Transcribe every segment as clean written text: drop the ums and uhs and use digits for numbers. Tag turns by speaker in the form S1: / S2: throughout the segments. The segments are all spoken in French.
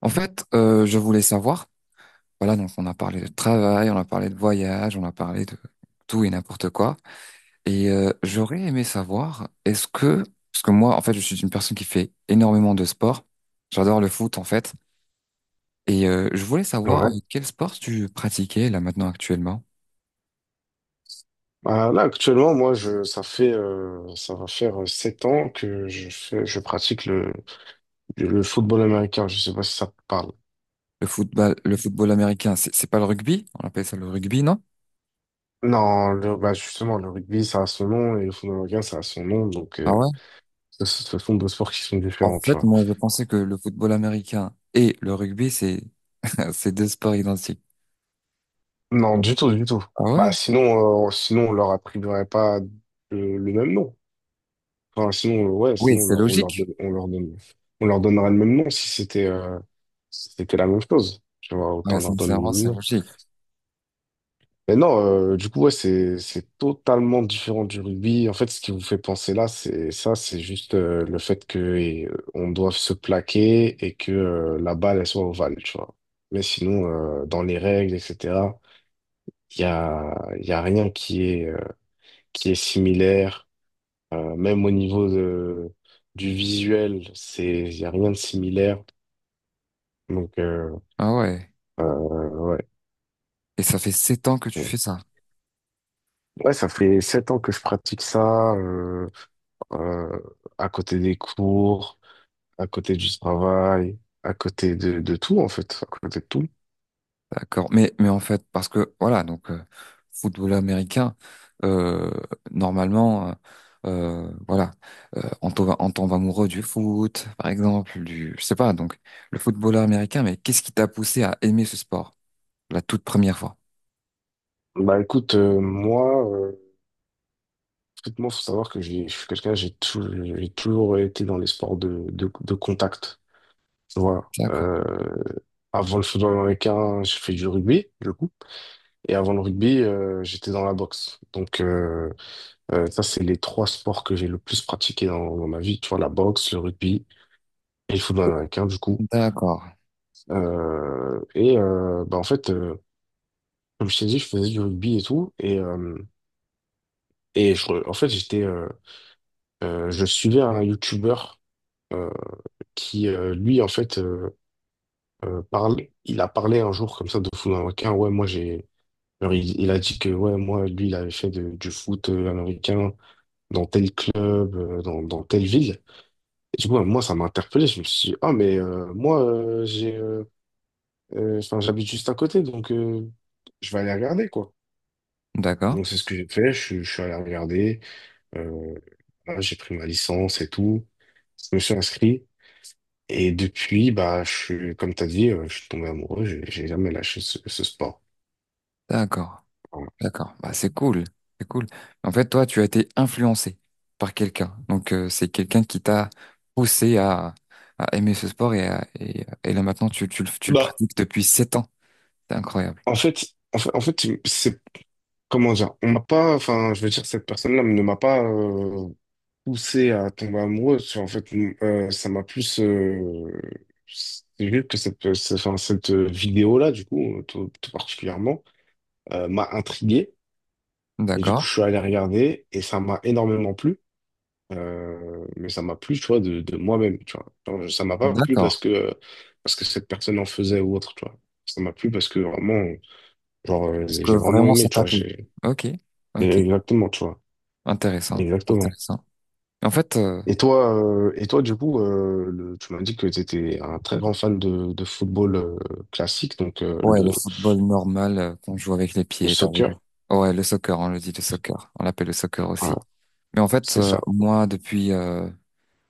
S1: En fait, je voulais savoir, voilà, donc on a parlé de travail, on a parlé de voyage, on a parlé de tout et n'importe quoi. Et j'aurais aimé savoir, est-ce que, parce que moi, en fait, je suis une personne qui fait énormément de sport. J'adore le foot, en fait. Et je voulais savoir
S2: Ouais.
S1: quel sport tu pratiquais là maintenant actuellement.
S2: Là, actuellement, ça fait, ça va faire sept ans que je pratique le football américain. Je sais pas si ça te parle.
S1: Le football américain, c'est pas le rugby? On appelle ça le rugby, non?
S2: Non, bah, justement, le rugby, ça a son nom et le football américain, ça a son nom. Donc,
S1: Ah ouais?
S2: ce sont deux sports qui sont
S1: En
S2: différents, tu
S1: fait,
S2: vois.
S1: moi, je pensais que le football américain et le rugby, c'est c'est deux sports identiques.
S2: Non, du tout, du tout.
S1: Ah
S2: Bah,
S1: ouais?
S2: sinon, sinon, on leur attribuerait pas le même nom. Enfin, sinon, ouais,
S1: Oui,
S2: sinon,
S1: c'est logique.
S2: on leur donnerait le même nom si c'était, si c'était la même chose. Tu vois,
S1: Ouais,
S2: autant leur donner le
S1: sincèrement,
S2: même
S1: c'est
S2: nom.
S1: logique.
S2: Mais non, du coup, ouais, c'est totalement différent du rugby. En fait, ce qui vous fait penser là, c'est juste le fait que on doive se plaquer et que la balle, elle soit ovale, tu vois. Mais sinon, dans les règles, etc., il y a rien qui est, qui est similaire. Même au niveau du visuel, il y a rien de similaire. Donc,
S1: Ah ouais.
S2: euh, ouais.
S1: Et ça fait 7 ans que tu
S2: Ouais,
S1: fais ça.
S2: ouais, ça fait sept ans que je pratique ça. Euh, à côté des cours, à côté du travail, à côté de tout, en fait, à côté de tout.
S1: D'accord. Mais en fait, parce que, voilà, donc, football américain, euh, normalement, voilà, on tombe amoureux du foot, par exemple, je sais pas, donc, le footballeur américain, mais qu'est-ce qui t'a poussé à aimer ce sport, la toute première fois?
S2: Bah écoute, moi, il faut savoir que je suis quelqu'un, j'ai toujours été dans les sports de contact. Voilà.
S1: D'accord.
S2: Avant le football américain, j'ai fait du rugby, du coup. Et avant le rugby, j'étais dans la boxe. Donc, ça, c'est les trois sports que j'ai le plus pratiqué dans ma vie. Tu vois, la boxe, le rugby et le football américain, du coup.
S1: D'accord.
S2: Bah, en fait, comme je t'ai dit, je faisais du rugby et tout. Et je en fait, j'étais, je suivais un YouTuber euh, qui, lui, en fait, euh, parle, il a parlé un jour comme ça de football américain. Ouais, moi, j'ai alors, il a dit que ouais, moi, lui, il avait fait du foot américain dans tel club, dans telle ville. Et du coup, moi, ça m'a interpellé. Je me suis dit, ah, mais moi, enfin, j'habite juste à côté, donc je vais aller regarder, quoi.
S1: D'accord.
S2: Donc, c'est ce que j'ai fait. Je suis allé regarder. Euh, voilà, j'ai pris ma licence et tout. Je me suis inscrit. Et depuis, bah, je suis, comme tu as dit, je suis tombé amoureux. J'ai jamais lâché ce sport.
S1: D'accord.
S2: Voilà.
S1: D'accord, bah, c'est cool, c'est cool. En fait, toi, tu as été influencé par quelqu'un. Donc, c'est quelqu'un qui t'a poussé à aimer ce sport et là maintenant, tu le
S2: Bah,
S1: pratiques depuis 7 ans. C'est incroyable.
S2: en fait, en fait, c'est comment dire, on m'a pas, enfin, je veux dire, cette personne-là ne m'a pas poussé à tomber amoureux. Tu vois, en fait, ça m'a plus, c'est juste que enfin, cette vidéo-là, du coup, tout particulièrement, m'a intrigué. Et du
S1: D'accord,
S2: coup, je suis allé regarder et ça m'a énormément plu. Mais ça m'a plu, tu vois, de moi-même, tu vois. Genre, ça m'a pas plu
S1: d'accord.
S2: parce que cette personne en faisait ou autre, tu vois. Ça m'a plu parce que vraiment, genre,
S1: Parce que
S2: j'ai vraiment
S1: vraiment, ça
S2: aimé, tu
S1: t'a
S2: vois.
S1: plu. Ok, ok.
S2: Exactement, tu vois.
S1: Intéressant,
S2: Exactement.
S1: intéressant. En fait,
S2: Et toi, du coup, tu m'as dit que tu étais un très grand fan de football classique, donc
S1: ouais, le football normal qu'on joue avec les
S2: le
S1: pieds, t'as vu.
S2: soccer.
S1: Ouais, le soccer, on le dit, le soccer. On l'appelle le soccer
S2: Voilà,
S1: aussi. Mais en fait,
S2: c'est ça.
S1: moi, depuis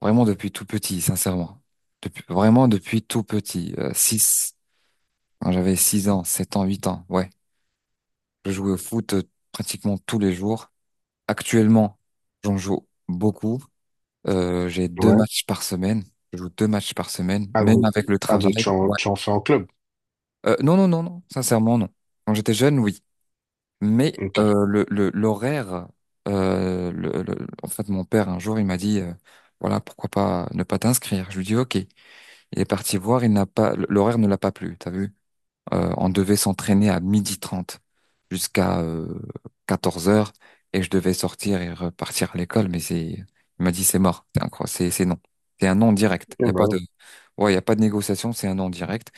S1: vraiment depuis tout petit, sincèrement. Depuis, vraiment depuis tout petit. Six. Quand j'avais 6 ans, 7 ans, 8 ans, ouais. Je jouais au foot pratiquement tous les jours. Actuellement, j'en joue beaucoup. J'ai deux
S2: Ouais.
S1: matchs par semaine. Je joue deux matchs par semaine,
S2: Ah
S1: même
S2: donc,
S1: avec le
S2: ah,
S1: travail.
S2: donc
S1: Ouais.
S2: tu en fais en club.
S1: Non, non, non, non. Sincèrement, non. Quand j'étais jeune, oui. Mais
S2: Ok.
S1: l'horaire, en fait, mon père, un jour, il m'a dit, voilà, pourquoi pas ne pas t'inscrire. Je lui dis, OK. Il est parti voir, il n'a pas, l'horaire ne l'a pas plu, t'as vu? On devait s'entraîner à 12h30 jusqu'à 14 heures et je devais sortir et repartir à l'école, mais c'est, il m'a dit c'est mort, c'est incroyable, c'est non. C'est un non
S2: Eh
S1: direct. Il y a
S2: ben
S1: pas
S2: ouais.
S1: de, ouais, il y a pas de négociation, c'est un non direct.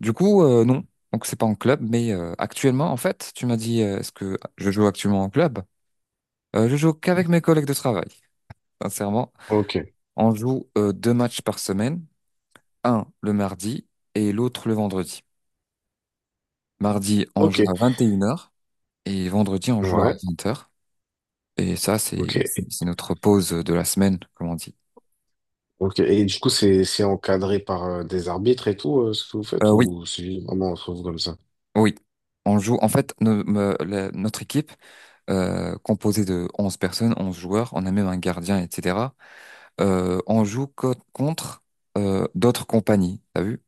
S1: Du coup, non. Donc c'est pas en club, mais actuellement, en fait, tu m'as dit, est-ce que je joue actuellement en club? Je joue qu'avec mes collègues de travail, sincèrement.
S2: Ok.
S1: On joue deux matchs par semaine, un le mardi et l'autre le vendredi. Mardi, on joue
S2: Ok.
S1: à 21h et vendredi, on joue à
S2: Ouais.
S1: 20h. Et ça, c'est
S2: Ok.
S1: c'est- notre pause de la semaine, comme on dit.
S2: Ok. Et du coup, c'est encadré par des arbitres et tout, ce que vous
S1: Euh,
S2: faites,
S1: oui,
S2: ou c'est vraiment entre vous comme ça?
S1: oui. On joue, en fait, notre équipe, composée de 11 personnes, 11 joueurs, on a même un gardien, etc. On joue contre d'autres compagnies, t'as vu?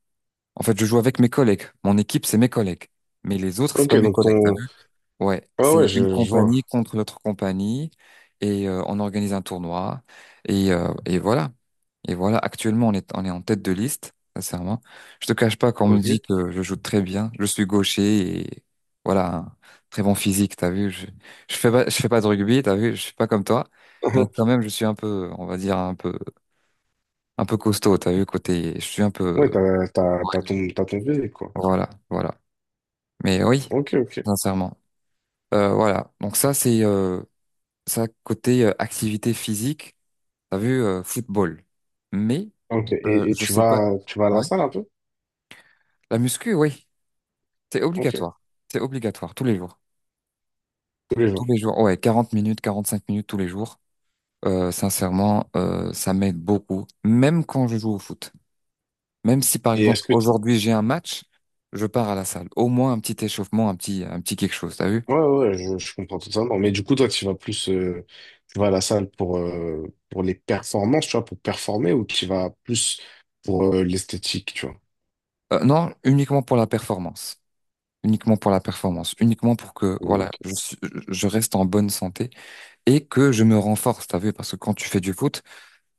S1: En fait, je joue avec mes collègues. Mon équipe, c'est mes collègues. Mais les autres, c'est
S2: Ok,
S1: pas mes
S2: donc
S1: collègues.
S2: ton.
S1: Ouais,
S2: Ah
S1: c'est
S2: ouais,
S1: une
S2: je vois.
S1: compagnie contre l'autre compagnie et on organise un tournoi et voilà. Et voilà, actuellement on est en tête de liste, sincèrement. Je te cache pas qu'on me dit
S2: Ok.
S1: que je joue très bien, je suis gaucher et voilà, un très bon physique, t'as vu. Je fais pas de rugby, t'as vu, je suis pas comme toi, mais quand même je suis un peu, on va dire un peu costaud, t'as vu, côté, je suis un peu,
S2: Ouais,
S1: ouais,
S2: t'as ton physique, quoi.
S1: voilà, voilà. Mais oui,
S2: Ok, ok.
S1: sincèrement. Euh, voilà, donc ça c'est... euh, Ça, côté activité physique, t'as vu football. Mais
S2: Ok. Et,
S1: je sais pas.
S2: tu vas à la
S1: Ouais.
S2: salle un peu?
S1: La muscu, oui, c'est
S2: Ok.
S1: obligatoire. C'est obligatoire tous les jours.
S2: Tous les
S1: Tous
S2: jours.
S1: les jours, ouais, 40 minutes, 45 minutes tous les jours. Sincèrement, ça m'aide beaucoup. Même quand je joue au foot. Même si, par
S2: Et est-ce
S1: exemple,
S2: que tu...
S1: aujourd'hui j'ai un match, je pars à la salle. Au moins un petit échauffement, un petit quelque chose, t'as vu?
S2: Ouais, je comprends tout ça. Non, mais du coup, toi, tu vas plus... tu vas à la salle pour les performances, tu vois, pour performer, ou tu vas plus pour l'esthétique, tu vois?
S1: Non, uniquement pour la performance. Uniquement pour la performance, uniquement pour que voilà,
S2: Ok.
S1: je reste en bonne santé et que je me renforce, t'as vu, parce que quand tu fais du foot,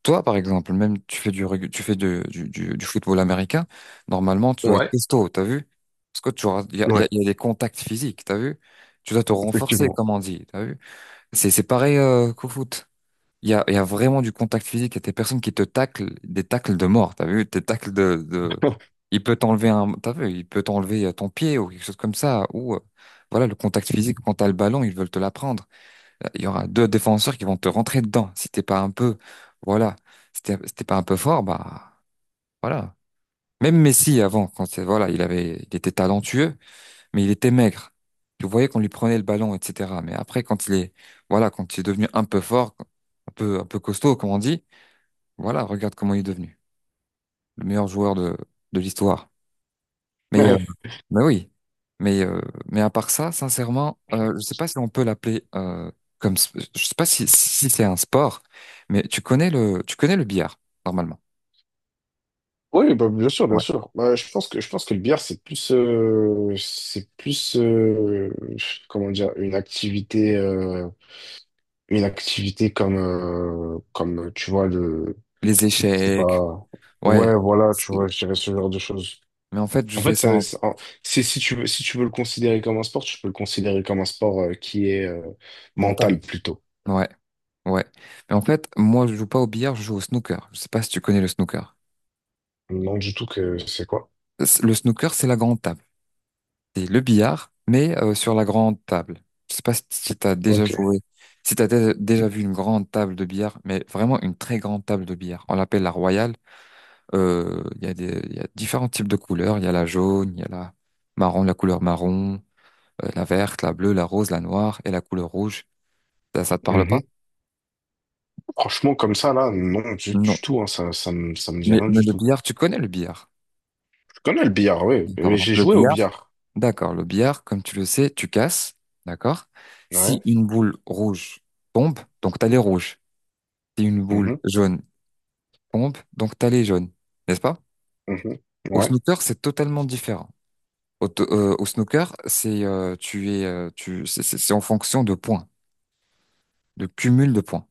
S1: toi par exemple, même tu fais du reg- tu fais de- du football américain, normalement tu dois être
S2: Ouais.
S1: costaud, t'as vu? Parce que
S2: Ouais,
S1: il y a des contacts physiques, t'as vu? Tu dois te renforcer,
S2: effectivement.
S1: comme on dit, t'as vu? C'est pareil qu'au foot. Il y a vraiment du contact physique. Il y a des personnes qui te taclent, des tacles de mort. T'as vu? Des tacles de... Il peut t'enlever un... T'as vu? Il peut t'enlever ton pied ou quelque chose comme ça. Ou voilà, le contact physique, quand t'as le ballon, ils veulent te l'apprendre. Il y aura deux défenseurs qui vont te rentrer dedans. Si t'es pas un peu... Voilà. Si t'es pas un peu fort, bah... Voilà. Même Messi, avant, quand c'est voilà, il avait, il était talentueux, mais il était maigre. Tu voyais qu'on lui prenait le ballon, etc. Mais après, quand il est... Voilà, quand il est devenu un peu fort un peu costaud, comme on dit, voilà, regarde comment il est devenu le meilleur joueur de l'histoire. Mais, euh,
S2: Ouais.
S1: mais oui, mais à part ça, sincèrement, je sais pas si on peut l'appeler je sais pas si c'est un sport, mais tu connais le billard, normalement.
S2: Oui, bah, bien sûr, bien
S1: Ouais.
S2: sûr. Bah, je pense que le billard c'est plus comment dire, une activité comme comme tu vois.
S1: Les
S2: C'est
S1: échecs,
S2: pas.
S1: ouais.
S2: Ouais, voilà, tu
S1: C'est-
S2: vois, je dirais ce genre de choses.
S1: Mais en fait, je
S2: En
S1: fais
S2: fait,
S1: ça
S2: ça,
S1: en
S2: c'est, en- c'est- si tu veux, si tu veux le considérer comme un sport, tu peux le considérer comme un sport qui est
S1: mental.
S2: mental plutôt.
S1: Ouais, ouais. Mais en fait, moi, je joue pas au billard, je joue au snooker. Je sais pas si tu connais le snooker.
S2: Non, du tout, que c'est quoi?
S1: Le snooker, c'est la grande table. C'est le billard, mais sur la grande table. Je sais pas si tu as déjà
S2: Ok.
S1: joué, si tu as déjà vu une grande table de billard, mais vraiment une très grande table de billard. On l'appelle la royale. Il y a différents types de couleurs. Il y a la jaune, il y a la couleur marron, la verte, la bleue, la rose, la noire et la couleur rouge. Ça te parle pas?
S2: Mhm. Franchement, comme ça, là, non,
S1: Non.
S2: du tout, hein, ça me dit
S1: Mais,
S2: rien
S1: mais
S2: du
S1: le
S2: tout.
S1: billard, tu connais le billard.
S2: Je connais le billard, oui, mais
S1: D'accord. Donc
S2: j'ai
S1: le
S2: joué au
S1: billard,
S2: billard.
S1: d'accord. Le billard, comme tu le sais, tu casses. D'accord.
S2: Ouais.
S1: Si une boule rouge tombe, donc tu as les rouges. Si une boule
S2: Mhm.
S1: jaune tombe, donc t'as les jaunes, n'est-ce pas?
S2: Mhm.
S1: Au
S2: Ouais.
S1: snooker, c'est totalement différent. Au snooker, c'est tu es tu c'est en fonction de points, de cumul de points.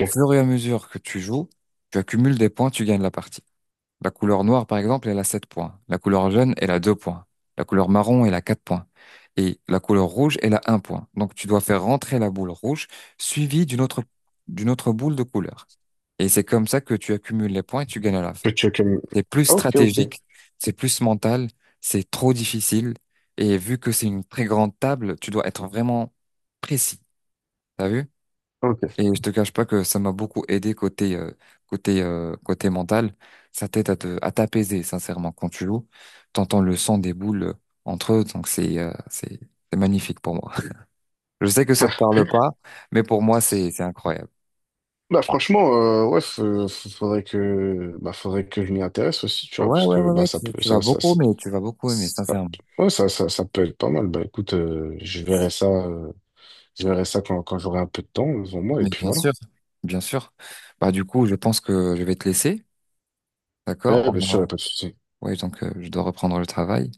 S1: Au fur et à mesure que tu joues, tu accumules des points, tu gagnes la partie. La couleur noire, par exemple, elle a 7 points. La couleur jaune, elle a 2 points. La couleur marron, elle a 4 points. Et la couleur rouge, elle a un point. Donc tu dois faire rentrer la boule rouge suivie d'une autre boule de couleur. Et c'est comme ça que tu accumules les points et tu gagnes à la fin.
S2: Que tu, que...
S1: C'est plus
S2: Ok, ok,
S1: stratégique, c'est plus mental, c'est trop difficile. Et vu que c'est une très grande table, tu dois être vraiment précis. T'as vu?
S2: ok.
S1: Et je te cache pas que ça m'a beaucoup aidé côté mental. Ça t'aide à t'apaiser, sincèrement, quand tu joues. T'entends le son des boules entre eux, donc c'est magnifique pour moi. Je sais que ça te parle pas, mais pour moi c'est incroyable.
S2: Bah franchement, ouais, faudrait que, bah, faudrait que je m'y intéresse aussi, tu vois,
S1: Ouais
S2: parce
S1: ouais
S2: que
S1: ouais
S2: bah
S1: ouais,
S2: ça
S1: tu,
S2: peut,
S1: tu vas beaucoup aimer, tu vas beaucoup aimer,
S2: ça-
S1: sincèrement.
S2: ouais, ça peut être pas mal. Bah écoute, je verrai ça quand, quand j'aurai un peu de temps devant moi, et
S1: Mais
S2: puis
S1: bien
S2: voilà.
S1: sûr, bien sûr. Bah du coup, je pense que je vais te laisser, d'accord?
S2: Ouais, bien sûr, y a pas de souci.
S1: Ouais, donc je dois reprendre le travail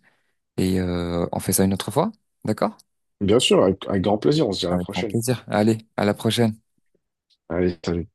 S1: et on fait ça une autre fois, d'accord?
S2: Bien sûr, avec grand plaisir, on se dit à la
S1: Avec grand
S2: prochaine.
S1: plaisir. Allez, à la prochaine.
S2: Allez, salut.